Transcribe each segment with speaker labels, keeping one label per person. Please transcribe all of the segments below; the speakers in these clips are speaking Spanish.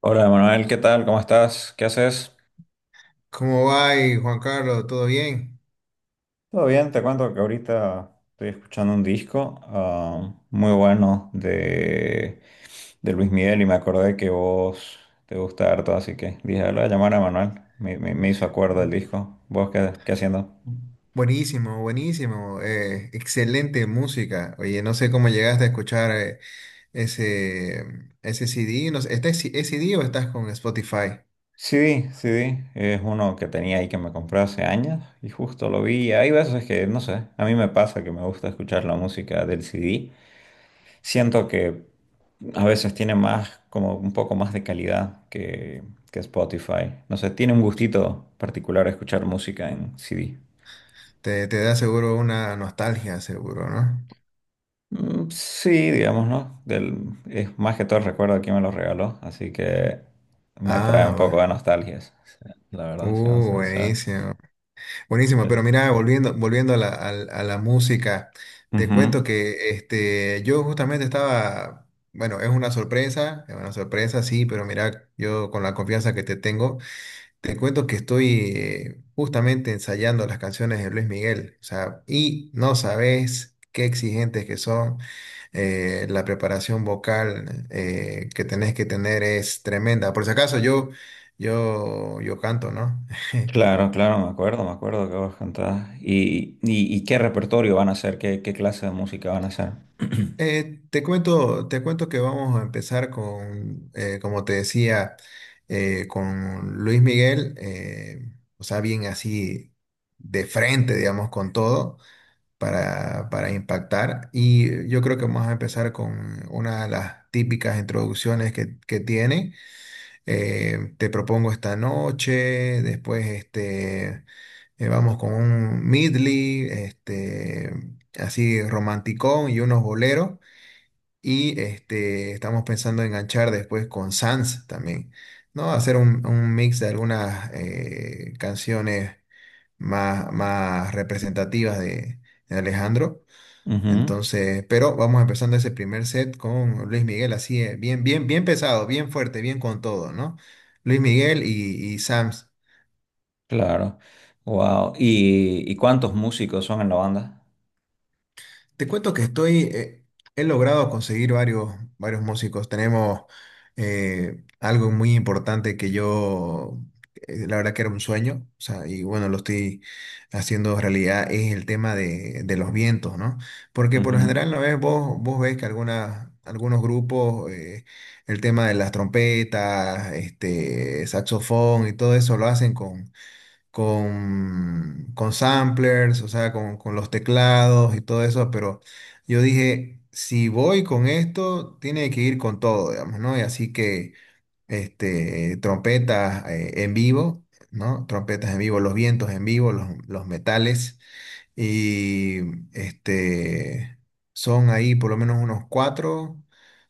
Speaker 1: Hola Manuel, ¿qué tal? ¿Cómo estás? ¿Qué haces?
Speaker 2: ¿Cómo va, ahí, Juan Carlos? ¿Todo bien?
Speaker 1: Todo bien, te cuento que ahorita estoy escuchando un disco muy bueno de Luis Miguel y me acordé que vos te gusta harto, así que dije, "Ah, Le voy a llamar a Manuel, me hizo acuerdo el disco. ¿Vos qué, qué haciendo?
Speaker 2: Buenísimo, buenísimo. Excelente música. Oye, no sé cómo llegaste a escuchar ese, ese CD. No sé, ¿es CD o estás con Spotify?
Speaker 1: CD, CD, es uno que tenía ahí que me compré hace años y justo lo vi. Hay veces que, no sé, a mí me pasa que me gusta escuchar la música del CD. Siento que a veces tiene más, como un poco más de calidad que Spotify. No sé, tiene un gustito particular escuchar música en CD.
Speaker 2: Te da seguro una nostalgia, seguro, ¿no?
Speaker 1: Mm, sí, digamos, ¿no? Es más que todo el recuerdo de quién me lo regaló, así que me trae un poco
Speaker 2: Ah,
Speaker 1: de nostalgia, sí, la verdad, siendo sincero.
Speaker 2: buenísimo. Buenísimo,
Speaker 1: Sí, sí.
Speaker 2: pero mira, volviendo a la, a la música, te cuento
Speaker 1: Ujú.
Speaker 2: que este, yo justamente estaba, bueno, es una sorpresa, sí, pero mira, yo con la confianza que te tengo, te cuento que estoy justamente ensayando las canciones de Luis Miguel, o sea, y no sabes qué exigentes que son, la preparación vocal que tenés que tener es tremenda. Por si acaso, yo, yo canto, ¿no?
Speaker 1: Claro, claro, me acuerdo que vos cantabas. Y qué repertorio van a hacer? ¿Qué, qué clase de música van a hacer?
Speaker 2: Te cuento, te cuento que vamos a empezar con, como te decía, con Luis Miguel, o sea, bien así de frente, digamos, con todo para impactar. Y yo creo que vamos a empezar con una de las típicas introducciones que tiene. Te propongo esta noche, después este, vamos con un medley, este, así romanticón y unos boleros. Y este, estamos pensando enganchar después con Sans también, ¿no? Hacer un mix de algunas canciones más, más representativas de Alejandro.
Speaker 1: Ujú.
Speaker 2: Entonces, pero vamos empezando ese primer set con Luis Miguel, así, bien, bien, bien pesado, bien fuerte, bien con todo, ¿no? Luis Miguel y Sans.
Speaker 1: Claro. Wow. Y cuántos músicos son en la banda?
Speaker 2: Te cuento que estoy, he logrado conseguir varios, varios músicos. Tenemos algo muy importante que yo, la verdad que era un sueño, o sea, y bueno, lo estoy haciendo realidad, es el tema de los vientos, ¿no? Porque por lo
Speaker 1: Ujú,
Speaker 2: general, ¿no ves? Vos, vos ves que algunas, algunos grupos, el tema de las trompetas, este, saxofón y todo eso lo hacen con con samplers, o sea, con los teclados y todo eso, pero yo dije, si voy con esto, tiene que ir con todo, digamos, ¿no? Y así que, este, trompetas en vivo, ¿no? Trompetas en vivo, los vientos en vivo, los metales. Y este, son ahí por lo menos unos cuatro.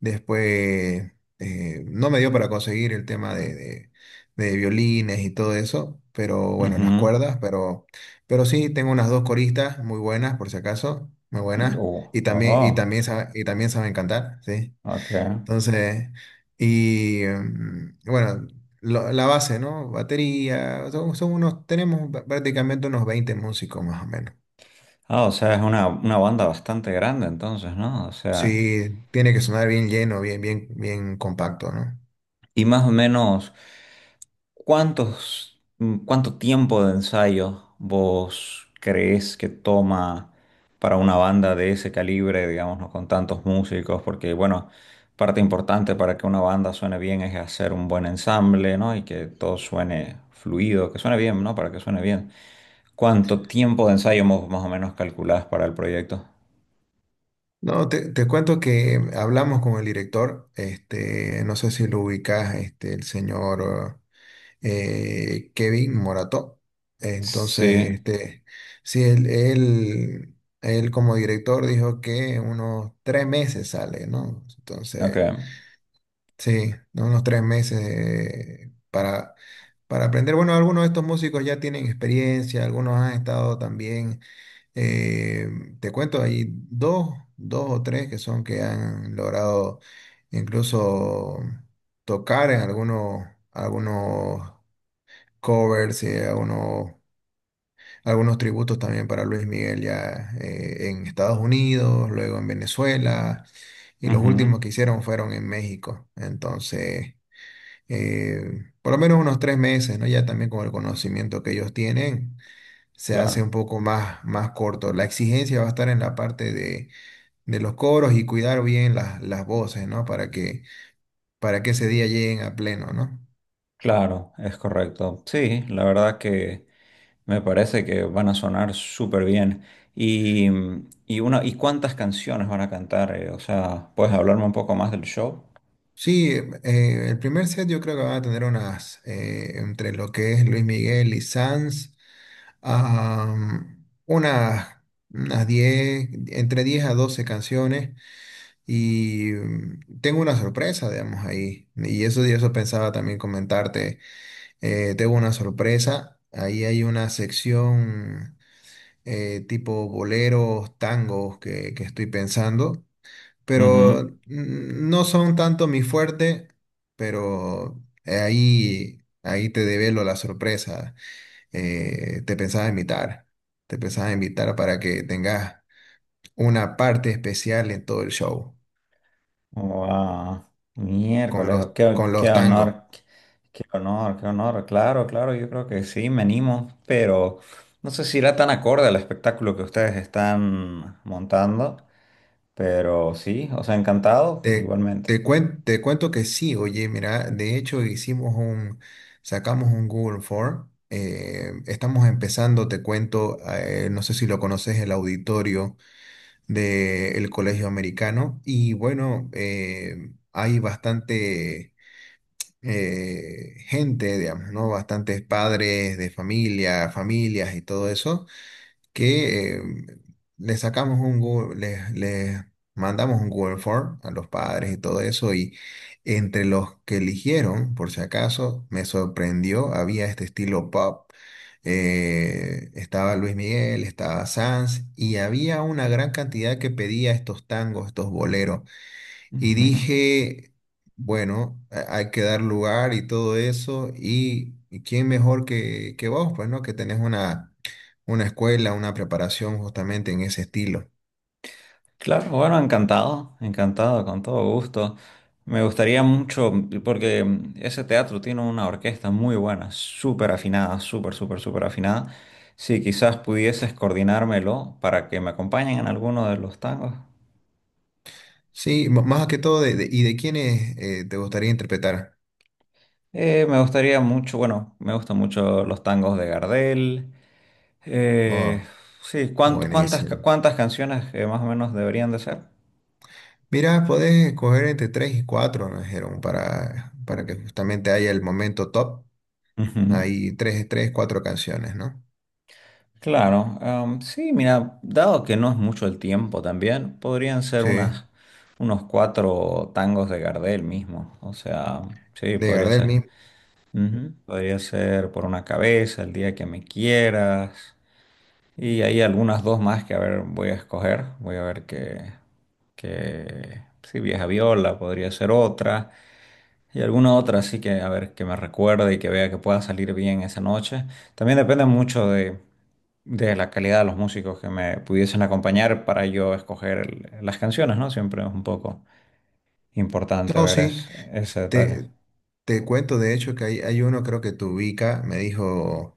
Speaker 2: Después no me dio para conseguir el tema de, de violines y todo eso, pero bueno, las
Speaker 1: ujú.
Speaker 2: cuerdas, pero sí tengo unas dos coristas muy buenas, por si acaso, muy
Speaker 1: Mm.
Speaker 2: buenas.
Speaker 1: Oh,
Speaker 2: Y también, y
Speaker 1: oh,
Speaker 2: también, y también saben cantar, ¿sí?
Speaker 1: ok.
Speaker 2: Entonces, y bueno, la base, ¿no? Batería, son, son unos, tenemos prácticamente unos 20 músicos más o menos.
Speaker 1: Ah, o sea, es una banda bastante grande entonces, ¿no? O sea,
Speaker 2: Sí, tiene que sonar bien lleno, bien, bien, bien compacto, ¿no?
Speaker 1: y más o menos, ¿cuántos, cuánto tiempo de ensayo vos crees que toma para una banda de ese calibre, digamos, ¿no?, con tantos músicos? Porque, bueno, parte importante para que una banda suene bien es hacer un buen ensamble, ¿no? Y que todo suene fluido, que suene bien, ¿no? Para que suene bien. ¿Cuánto tiempo de ensayo más o menos calculás para el proyecto?
Speaker 2: No, te cuento que hablamos con el director, este, no sé si lo ubicas, este, el señor Kevin Morató.
Speaker 1: Sí,
Speaker 2: Entonces, este, sí, él, él como director dijo que unos tres meses sale, ¿no?
Speaker 1: ok.
Speaker 2: Entonces, sí, unos tres meses para aprender. Bueno, algunos de estos músicos ya tienen experiencia, algunos han estado también. Eh, Te cuento, hay dos, dos o tres que son que han logrado incluso tocar en algunos, algunos covers y algunos, algunos tributos también para Luis Miguel ya en Estados Unidos, luego en Venezuela y los últimos
Speaker 1: Ujú.
Speaker 2: que hicieron fueron en México. Entonces, por lo menos unos tres meses, ¿no? Ya también con el conocimiento que ellos tienen se hace un
Speaker 1: Claro,
Speaker 2: poco más, más corto. La exigencia va a estar en la parte de los coros y cuidar bien las voces, ¿no? Para que ese día lleguen a pleno, ¿no?
Speaker 1: claro, es correcto. Sí, la verdad que... Me parece que van a sonar súper bien. Y, y, una, ¿y cuántas canciones van a cantar? O sea, ¿puedes hablarme un poco más del show?
Speaker 2: Sí, el primer set yo creo que van a tener unas, entre lo que es Luis Miguel y Sanz, unas, unas 10, entre 10 a 12 canciones y tengo una sorpresa, digamos, ahí. Y eso pensaba también comentarte. Tengo una sorpresa. Ahí hay una sección tipo boleros, tangos que estoy pensando, pero
Speaker 1: Ujú.
Speaker 2: no son tanto mi fuerte, pero ahí, ahí te develo la sorpresa. Te pensaba invitar, te pensaba invitar para que tengas una parte especial en todo el show
Speaker 1: Wow. Miércoles, qué,
Speaker 2: con
Speaker 1: qué
Speaker 2: los tangos.
Speaker 1: honor, qué honor, qué honor. Claro, claro, yo creo que sí, me animo, pero no sé si irá tan acorde al espectáculo que ustedes están montando, pero sí, os ha encantado
Speaker 2: Te,
Speaker 1: igualmente.
Speaker 2: te cuento que sí, oye, mira, de hecho hicimos un, sacamos un Google Form, estamos empezando, te cuento, no sé si lo conoces, el auditorio del Colegio Americano, y bueno, hay bastante gente, digamos, ¿no? Bastantes padres de familia, familias y todo eso que le sacamos un Google, le mandamos un Google Form a los padres y todo eso, y entre los que eligieron, por si acaso, me sorprendió, había este estilo pop, estaba Luis Miguel, estaba Sanz, y había una gran cantidad que pedía estos tangos, estos boleros. Y
Speaker 1: Ujú.
Speaker 2: dije, bueno, hay que dar lugar y todo eso. Y quién mejor que vos, pues, ¿no? Que tenés una escuela, una preparación justamente en ese estilo.
Speaker 1: Claro, bueno, encantado, encantado, con todo gusto. Me gustaría mucho, porque ese teatro tiene una orquesta muy buena, súper afinada, súper, súper, súper afinada. Si quizás pudieses coordinármelo para que me acompañen en alguno de los tangos.
Speaker 2: Sí, más que todo, de, ¿y de quiénes te gustaría interpretar?
Speaker 1: Me gustaría mucho, bueno, me gustan mucho los tangos de Gardel. Eh,
Speaker 2: Oh,
Speaker 1: sí, cuántas,
Speaker 2: buenísimo.
Speaker 1: cuántas canciones más o menos deberían de ser?
Speaker 2: Mira, podés escoger entre tres y cuatro, nos dijeron, para que justamente haya el momento top.
Speaker 1: Ujú.
Speaker 2: Hay tres, tres, cuatro canciones, ¿no?
Speaker 1: Claro, em, sí, mira, dado que no es mucho el tiempo también,
Speaker 2: Sí,
Speaker 1: unos cuatro tangos de Gardel mismo, o sea, sí,
Speaker 2: de
Speaker 1: podría
Speaker 2: Gardel.
Speaker 1: ser. Ujú, podría ser Por una cabeza, El día que me quieras, y hay algunas dos más que a ver, voy a escoger, voy a ver sí, Vieja Viola podría ser otra. Y alguna otra, así que a ver, que me recuerde y que vea que pueda salir bien esa noche. También depende mucho de la calidad de los músicos que me pudiesen acompañar para yo escoger las canciones, ¿no? Siempre es un poco importante
Speaker 2: No,
Speaker 1: ver
Speaker 2: sí,
Speaker 1: ese detalle.
Speaker 2: te, te cuento de hecho que hay uno, creo que te ubica, me dijo,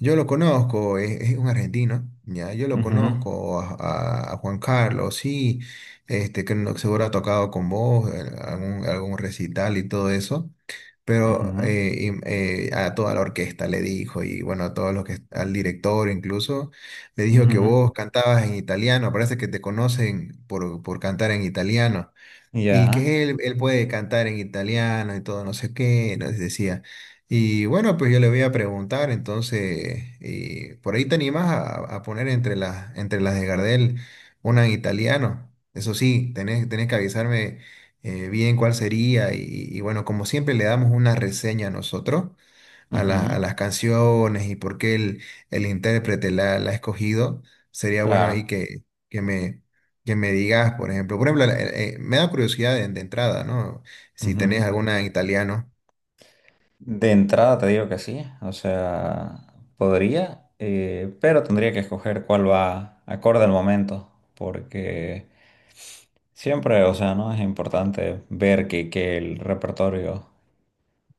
Speaker 2: yo lo conozco, es un argentino, ya, yo lo
Speaker 1: Ujú,
Speaker 2: conozco a, a Juan Carlos, sí, este, que seguro ha tocado con vos, algún, algún recital y todo eso, pero
Speaker 1: ujú,
Speaker 2: a toda la orquesta le dijo, y bueno, a todos los que, al director incluso, le dijo que
Speaker 1: ujú.
Speaker 2: vos cantabas en italiano, parece que te conocen por cantar en italiano. Y
Speaker 1: Ya,
Speaker 2: que él puede cantar en italiano y todo, no sé qué, nos decía. Y bueno, pues yo le voy a preguntar, entonces, y por ahí te animas a poner entre las de Gardel una en italiano. Eso sí, tenés, tenés que avisarme bien cuál sería. Y bueno, como siempre le damos una reseña a nosotros a,
Speaker 1: ujú,
Speaker 2: a las canciones y por qué el intérprete la, la ha escogido, sería bueno ahí
Speaker 1: claro.
Speaker 2: que me, que me digas, por ejemplo. Por ejemplo, me da curiosidad de entrada, ¿no? Si tenés
Speaker 1: Ujú.
Speaker 2: alguna en italiano.
Speaker 1: De entrada te digo que sí, o sea, podría, pero tendría que escoger cuál va acorde al momento, porque... Siempre, o sea, ¿no? Es importante ver que el repertorio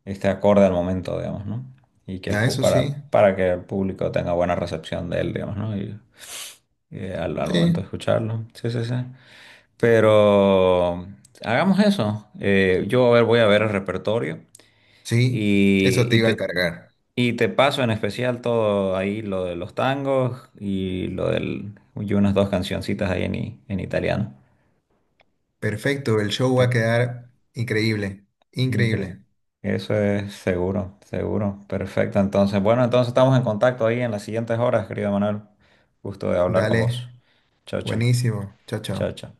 Speaker 1: esté acorde al momento, digamos, ¿no? Y que
Speaker 2: Ah, eso sí.
Speaker 1: para que el público tenga buena recepción de él, digamos, ¿no? Y al, al momento de
Speaker 2: Sí,
Speaker 1: escucharlo. Sí, sí, sí. Pero hagamos eso. Yo a ver, voy a ver el repertorio
Speaker 2: sí,
Speaker 1: y,
Speaker 2: eso te iba a encargar.
Speaker 1: y te paso en especial todo ahí lo de los tangos y lo del y unas dos cancioncitas ahí en, en italiano.
Speaker 2: Perfecto, el show va a quedar increíble,
Speaker 1: Incre-
Speaker 2: increíble.
Speaker 1: Eso es seguro, seguro. Perfecto. Entonces, bueno, entonces estamos en contacto ahí en las siguientes horas, querido Manuel. Gusto de hablar con vos.
Speaker 2: Dale,
Speaker 1: Chao, chao.
Speaker 2: buenísimo. Chao,
Speaker 1: Chao,
Speaker 2: chao.
Speaker 1: chao.